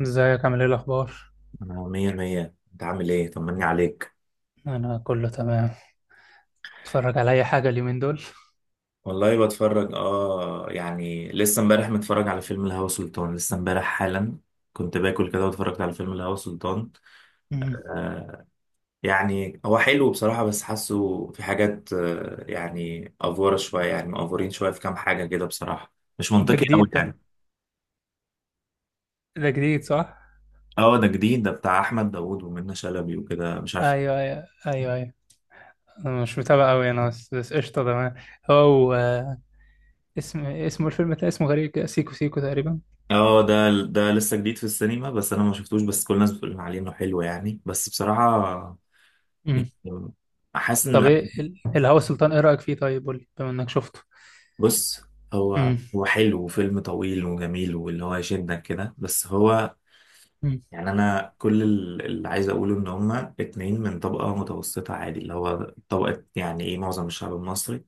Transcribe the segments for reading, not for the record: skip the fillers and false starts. ازيك، عامل ايه الاخبار؟ أنا مية مية، أنت عامل إيه؟ طمني عليك. انا كله تمام. اتفرج على اي حاجه اليومين دول؟ والله بتفرج، يعني لسه امبارح متفرج على فيلم الهوى سلطان، لسه امبارح حالا. كنت باكل كده واتفرجت على فيلم الهوى سلطان. مم. آه، يعني هو حلو بصراحة، بس حاسه في حاجات، يعني أفورة شوية، يعني مأفورين شوية في كام حاجة كده بصراحة. مش ده منطقي أوي جديد ده. يعني. ده جديد صح؟ اه، ده جديد، ده بتاع أحمد داوود ومنة شلبي وكده مش عارف. ايوه، ايوه، ايوه، ايوه. انا مش متابع قوي، انا بس قشطه، تمام. هو اسمه الفيلم ده اسمه غريب كده، سيكو سيكو تقريبا. اه، ده لسه جديد في السينما، بس أنا ما شفتوش، بس كل الناس بتقول عليه إنه حلو يعني، بس بصراحة إيه، مم. حاسس ان طب لا. ايه الهوى سلطان، ايه رايك فيه؟ طيب قول لي بما انك شفته. بص، هو مم. هو حلو وفيلم طويل وجميل واللي هو يشدك كده، بس هو مم. يعني انا كل اللي عايز اقوله ان هما اتنين من طبقة متوسطة عادي، اللي هو طبقة يعني ايه معظم الشعب المصري.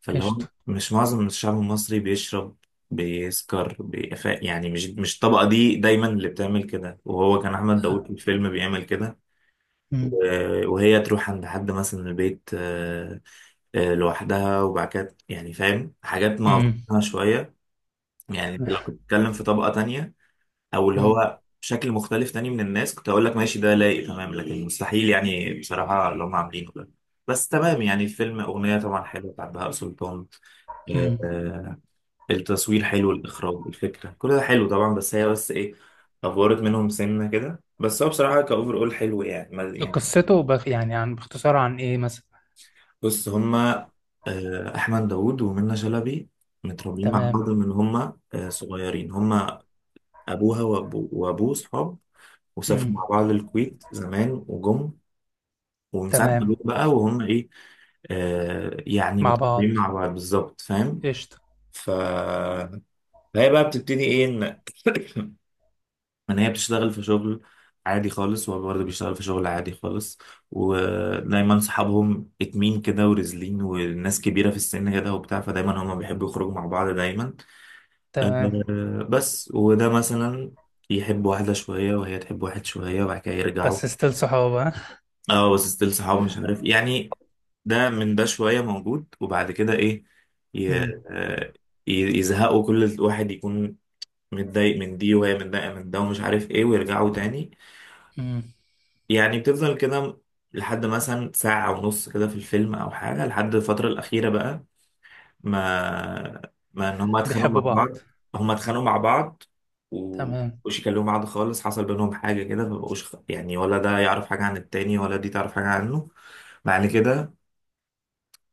فاللي هو قشطه. مش معظم الشعب المصري بيشرب، بيسكر، يعني مش الطبقة دي دايما اللي بتعمل كده، وهو كان احمد داوود في الفيلم بيعمل كده. مم. وهي تروح عند حد مثلا من البيت، لوحدها. وبعد كده يعني فاهم حاجات ما مم. أفضلها شوية. يعني انت لو كنت بتتكلم في طبقة تانية، أو اللي مم. هو شكل مختلف تاني من الناس، كنت أقول لك ماشي ده لايق تمام، لكن مستحيل يعني بصراحة اللي هم عاملينه ده. بس تمام، يعني فيلم أغنية طبعا حلوة بتاعت بهاء سلطان. آه، مم. آه، التصوير حلو، الإخراج، الفكرة، كل ده حلو طبعا، بس هي بس إيه، أفورت منهم سنة كده. بس هو بصراحة كأوفر أول حلو يعني يعني. قصته بخ يعني، عن، باختصار، عن ايه مثلا؟ بص هما، أحمد داوود ومنة شلبي، متربيين مع تمام. بعض من هما صغيرين. هما أبوها وأبوه صحاب، وسافروا مع مم. بعض الكويت زمان وجم. ومن ساعة ما جم تمام. بقى وهم إيه، يعني مع متربيين بعض. مع بعض بالظبط، فاهم. قشطه. ف- فهي بقى بتبتدي إيه إن ان هي بتشتغل في شغل عادي خالص، وهو برضه بيشتغل في شغل عادي خالص. ودايما صحابهم اتمين كده، ورزلين، والناس كبيرة في السن كده وبتاع، فدايما هما بيحبوا يخرجوا مع بعض دايما. تمام. بس، وده مثلا يحب واحدة شوية، وهي تحب واحد شوية، وبعد كده يرجعوا. بس ستيل صحاب، ها؟ اه بس ستيل صحابه، مش عارف يعني، ده من ده شوية موجود، وبعد كده ايه، ي- امم، آه، يزهقوا، كل واحد يكون متضايق من دي، وهي متضايقة من ده، ومش عارف ايه، ويرجعوا تاني. امم. يعني بتفضل كده لحد مثلا ساعة ونص كده في الفيلم أو حاجة، لحد الفترة الأخيرة بقى، ما ما إن هما اتخانقوا مع بيحبوا بعض. بعض. هما اتخانقوا مع بعض تمام. ومبقوش يكلموا بعض خالص، حصل بينهم حاجة كده، فمبقوش يعني ولا ده يعرف حاجة عن التاني ولا دي تعرف حاجة عنه. بعد كده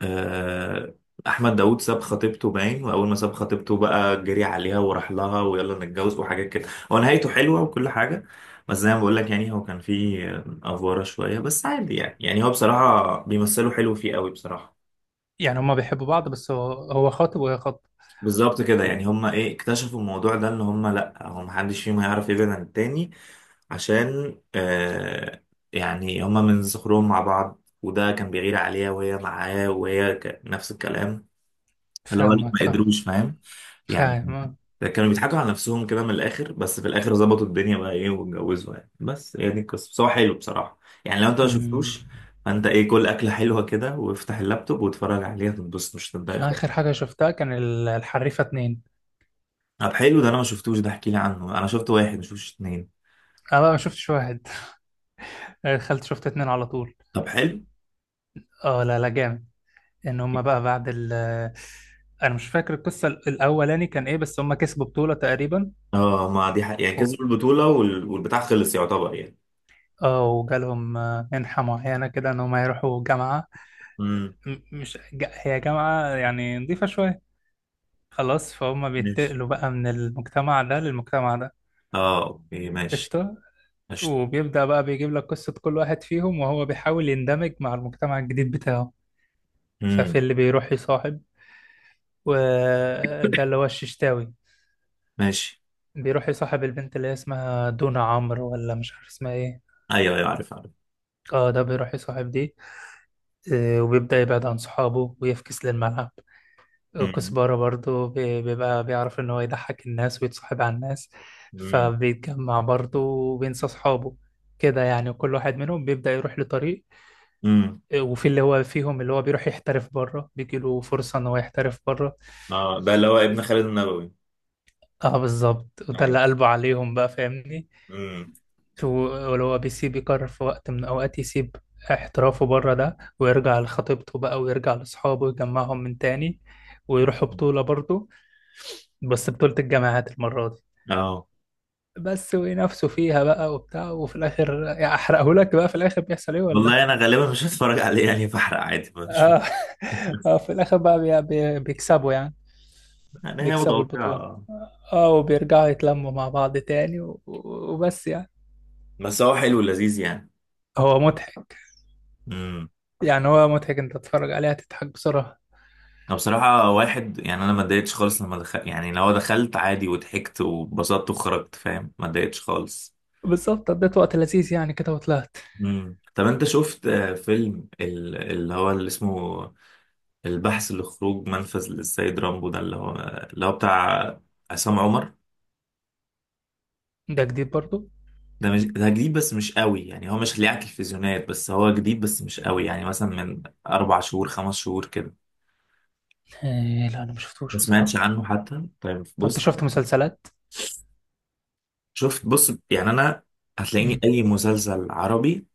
آه، احمد داوود ساب خطيبته باين، واول ما ساب خطيبته بقى جري عليها وراح لها، ويلا نتجوز وحاجات كده، هو نهايته حلوه وكل حاجه. بس زي ما بقول لك، يعني هو كان فيه افوره شويه، بس عادي يعني، يعني هو بصراحه بيمثلوا حلو فيه قوي بصراحه. يعني هما بيحبوا بعض، بس هو خاطب وهي خاطبة. بالظبط كده، يعني هما ايه اكتشفوا الموضوع ده، ان هما لا، هو محدش فيهم هيعرف يبعد عن التاني عشان يعني هما من صغرهم مع بعض، وده كان بيغير عليها وهي معاه، وهي نفس الكلام، اللي هو اللي فاهمك، ما فاهم. قدروش فاهم فاهم. يعني. آه. ده كانوا بيضحكوا على نفسهم كده من الاخر، بس في الاخر ظبطوا الدنيا بقى ايه واتجوزوا يعني. بس هي دي القصه، بس هو حلو بصراحه. يعني لو انت ما أمم. شفتوش، فانت ايه، كل اكله حلوه كده وافتح اللابتوب واتفرج عليها، تنبسط، مش هتتضايق خالص. آخر حاجة شفتها كان الحريفة اتنين. طب حلو، ده انا ما شفتوش، ده احكي لي عنه، انا شفت واحد ما شفتش اتنين. أنا بقى ما شفتش واحد. دخلت شفت اتنين على طول. طب حلو، اه، لا، لا، جامد. إن هما بقى بعد ال أنا مش فاكر القصة الأولاني كان إيه، بس هما كسبوا بطولة تقريبا. اه ما دي حق. يعني و- كسبوا البطوله والبتاع خلص يعتبر يعني. اه، وجالهم منحة معينة كده، إن هما يروحوا جامعة. امم، مش هي جامعة يعني نظيفة شوية. خلاص، فهم ماشي. بينتقلوا بقى من المجتمع ده للمجتمع ده. اه اوكي، ماشي. قشطة. ماشي. وبيبدأ بقى بيجيب لك قصة كل واحد فيهم، وهو بيحاول يندمج مع المجتمع الجديد بتاعه. ففي امم. اللي بيروح يصاحب، وده اللي هو الششتاوي، ماشي. بيروح يصاحب البنت اللي هي اسمها دونا عمرو، ولا مش عارف اسمها ايه. ايوه ايوه، عارف عارف. اه، ده بيروح يصاحب دي. وبيبدأ يبعد عن صحابه ويفكس للملعب. وكزبرة برضو بيبقى بيعرف إن هو يضحك الناس ويتصاحب على الناس. امم. فبيتجمع برضو، وبينسى أصحابه كده يعني. وكل واحد منهم بيبدأ يروح لطريق. امم. وفي اللي هو فيهم، اللي هو بيروح يحترف بره، بيجيله فرصة إن هو يحترف بره. اه، ده اللي هو ابن خالد النبوي. اه، بالظبط. وده ايوه. اللي قلبه عليهم بقى، فاهمني؟ امم. و- ولو هو بيسيب، يقرر في وقت من الأوقات يسيب احترافه بره ده، ويرجع لخطيبته بقى، ويرجع لأصحابه ويجمعهم من تاني. ويروحوا بطولة برضه، بس بطولة الجامعات المرة دي. اه، بس وينافسوا فيها بقى، وبتاع. وفي الاخر يعني، احرقه لك بقى؟ في الاخر بيحصل ايه ولا؟ والله انا غالبا مش هتفرج عليه يعني، بحرق عادي مش اه، في الاخر بقى بيكسبوا يعني، يعني هي بيكسبوا البطولة. متوقعة. اه، وبيرجعوا يتلموا مع بعض تاني، و... و- وبس يعني. بس هو حلو لذيذ يعني. هو مضحك. امم. يعني هو مضحك، انت تتفرج عليه هتضحك بسرعة. انا بصراحة واحد، يعني انا ما اتضايقتش خالص لما دخل، يعني لو دخلت عادي وضحكت وبسطت وخرجت، فاهم، ما اتضايقتش خالص. بالظبط، قضيت وقت لذيذ يعني كده وطلعت. امم. طب انت شفت فيلم اللي هو اللي اسمه البحث لخروج منفذ للسيد رامبو، ده اللي هو بتاع عصام عمر. ده جديد برضو؟ ده مش ده جديد، بس مش قوي يعني، هو مش اللي على التلفزيونات، بس هو جديد بس مش قوي يعني، مثلا من 4 شهور 5 شهور كده. لا، انا ما ما شفتوش سمعتش بصراحة. عنه حتى، طيب طب انت بص. شفت مسلسلات؟ شفت بص يعني انا، هتلاقيني امم، اي مسلسل عربي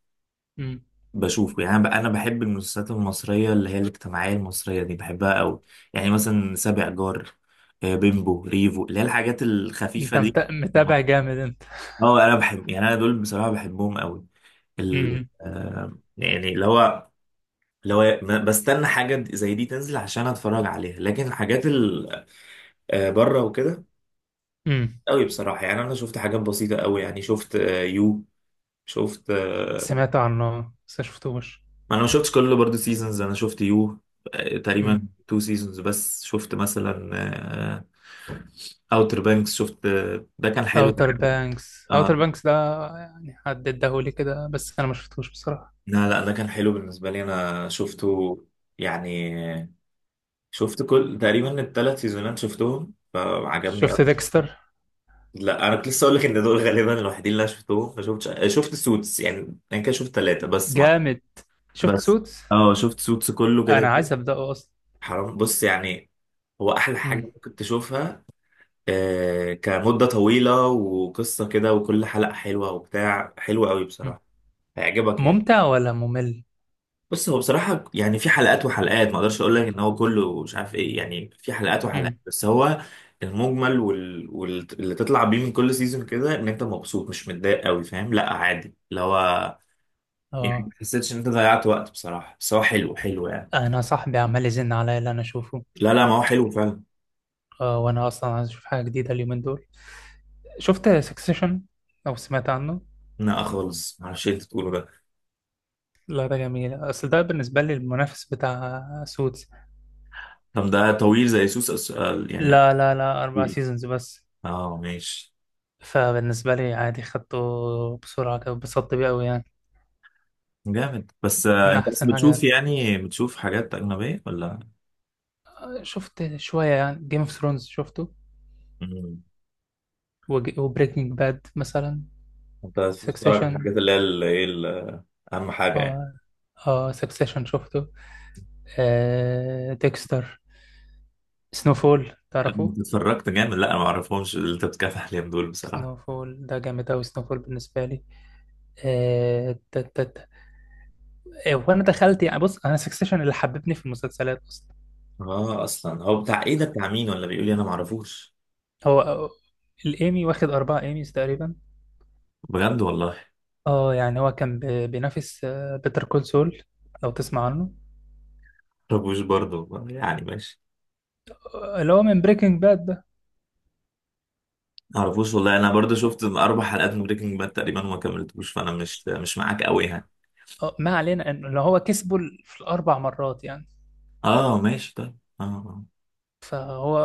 امم. بشوفه يعني. أنا بحب المسلسلات المصريه، اللي هي الاجتماعيه المصريه دي، بحبها قوي. يعني مثلا سابع جار، بيمبو ريفو، اللي هي الحاجات الخفيفه انت دي. متابع جامد انت. اه انا بحب، يعني انا دول بصراحه بحبهم قوي. امم، يعني اللي هو لو بستنى حاجة زي دي تنزل عشان اتفرج عليها، لكن الحاجات ال بره وكده امم. قوي بصراحة. يعني انا شفت حاجات بسيطة قوي، يعني شفت آه، يو شفت آه، سمعت عنه بس ما شفتوش. ما انا ما شفتش كله برضه سيزونز، انا شفت يو تقريبا تو سيزونز بس. شفت مثلا اوتر بانكس، شفت ده كان حلو. اوتر بانكس، آه اوتر بانكس ده، يعني حد اداهولي كده بس انا ما شفتوش بصراحه. لا لا، ده كان حلو بالنسبة لي أنا شفته يعني. شفت كل تقريبا الثلاث سيزونات شفتهم، فعجبني. شفت ديكستر؟ لا انا كنت لسه اقول لك ان دول غالبا الوحيدين اللي انا شفتهم، ما شفتش شفت سوتس، يعني انا كده شفت ثلاثه بس ما. جامد. شفت بس سوتس. اه شفت سوتس كله كده انا كده. عايز ابداه اصلا. حرام بص يعني، هو احلى حاجه مم. ممكن تشوفها. آه كمده طويله وقصه كده، وكل حلقه حلوه وبتاع، حلوه قوي مم. بصراحه، هيعجبك يعني. ممتع ولا ممل؟ بص هو بصراحة يعني، في حلقات وحلقات، ما اقدرش اقول لك ان هو كله مش عارف ايه، يعني في حلقات وحلقات. مم. بس هو المجمل وال... وال... اللي تطلع بيه من كل سيزون كده، ان انت مبسوط مش متضايق قوي، فاهم، لا عادي اللي هو يعني، ما اه. حسيتش ان انت ضيعت وقت بصراحة. بس هو حلو حلو يعني. انا صاحبي عمال يزن عليا اللي انا اشوفه. لا لا، ما هو حلو فعلا. اه، وانا اصلا عايز اشوف حاجه جديده اليومين دول. شفت سكسيشن، او سمعت عنه؟ لا خالص، معرفش ايه اللي انت تقوله ده. لا، ده جميل، اصل ده بالنسبه لي المنافس بتاع سوتس. طب ده طويل زي سوس أس... آه، يعني. لا، لا، لا، اربع طويل. سيزونز بس. اه ماشي. فبالنسبة لي عادي، خدته بسرعة كده، اتبسطت بيه أوي يعني. جامد. بس من انت بس أحسن بتشوف حاجات يعني، بتشوف حاجات اجنبية ولا. شفت شوية يعني، جيم اوف ثرونز شفته، مم. وبريكنج باد مثلا. انت بس بتتفرج على سكسيشن. الحاجات اللي هي اهم حاجه يعني. اه. اه، سكسيشن شفته. آه، ديكستر. سنوفول، تعرفوه؟ انت اتفرجت جامد. لا انا ما اعرفهمش اللي انت بتتكلم عليهم دول بصراحه. سنوفول ده جامد أوي، سنوفول بالنسبة لي. آه تا- تا- تا. وأنا دخلت يعني، بص أنا سكسيشن اللي حببني في المسلسلات أصلا. اه اصلا هو بتاع ايه ده، بتاع مين ولا، بيقول لي انا ما اعرفوش. هو الإيمي واخد أربعة إيميز تقريبا. بجد والله. اه، يعني هو كان بينافس بيتر كول سول، لو تسمع عنه. ما اعرفوش برضه يعني، ماشي. اللي هو من بريكنج باد ده. ما اعرفوش والله، انا برضه شفت اربع حلقات من بريكنج باد تقريبا وما كملتوش، فانا مش معاك قوي يعني. ما علينا، انه اللي هو كسبه في الاربع مرات يعني. اه ماشي، طيب اه آه. فهو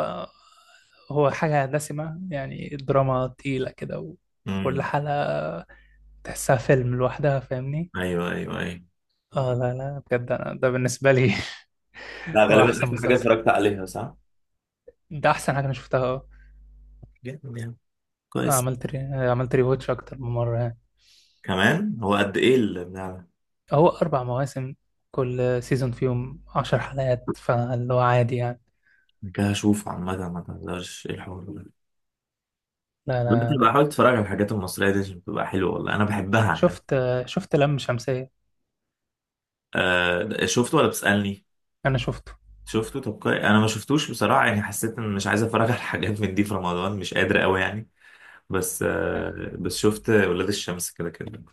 هو حاجة دسمة يعني، الدراما تقيلة كده. وكل امم. حلقة تحسها فيلم لوحدها، فاهمني؟ ايوه ايوه ايوه. اه، لا، لا، بجد أنا ده بالنسبة لي لا هو غالبا أحسن احسن حاجه مسلسل. اتفرجت عليها صح. ده أحسن حاجة أنا شفتها، اه. جامد يعني. كويس. عملت ري... عملت ريواتش أكتر من مرة. كمان هو قد ايه. هو أربع مواسم، كل سيزون فيهم عشر حلقات، فاللي هو عادي يعني. كده اشوف عامة، ما تهزرش، ايه الحوار ده. لا، دلوقتي لا. بقى حاول تتفرج على الحاجات المصرية دي عشان بتبقى حلوة، والله انا بحبها عامة. شفت شفت لم شمسية؟ آه شفته ولا بتسألني. أنا شفته. شفته، طب كويس، انا ما شفتوش بصراحة، يعني حسيت ان مش عايز اتفرج على حاجات من دي في رمضان، مش قادر قوي يعني. بس آه، بس شفت ولاد الشمس كده كده.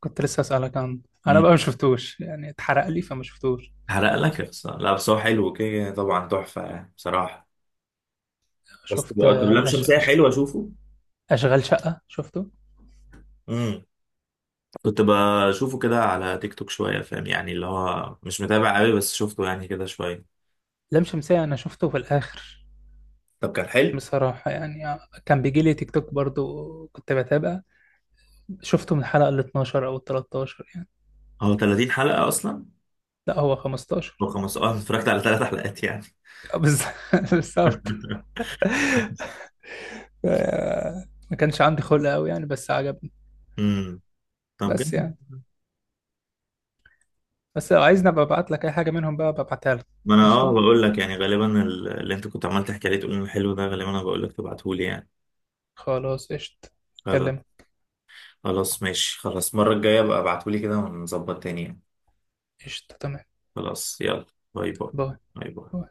كنت لسه أسألك عنه. أنا بقى امم. ما شفتوش يعني، اتحرق لي فما شفتوش. حرق لك يا خسارة، لا بس هو حلو كده طبعا، تحفة يعني بصراحة. بس شفت تبقى طب لام أش شمسية أش حلوة، اشوفه. أشغال شقة شفته. امم. كنت بشوفه كده على تيك توك شوية، فاهم يعني، اللي هو مش متابع قوي، بس شفته يعني كده شوية. لم شمسية أنا شفته في الآخر طب كان حلو. بصراحة يعني. كان بيجي لي تيك توك برضو كنت بتابع. شفته من الحلقة ال 12 أو ال 13 يعني. هو 30 حلقة أصلا. لا هو هو 15. 15، اتفرجت على ثلاث حلقات يعني. بالظبط. آه، ما كانش عندي خلق قوي يعني بس عجبني. امم. طب بس جميل. يعني، بس لو عايزني ابقى ابعت لك اي حاجه منهم بقى، ابقى ابعتها لك. ما أنا أه قشطه. بقول لك، يعني غالبا اللي أنت كنت عمال تحكي عليه تقول إنه حلو ده، غالبا أنا بقول لك تبعتهولي يعني. خلاص، قشطه. خلاص. اكلمك. خلاص ماشي. خلاص، المرة الجاية بقى ابعتولي كده ونظبط تاني يعني. قشطه، تمام. خلاص يلا، باي باي. باي. باي باي.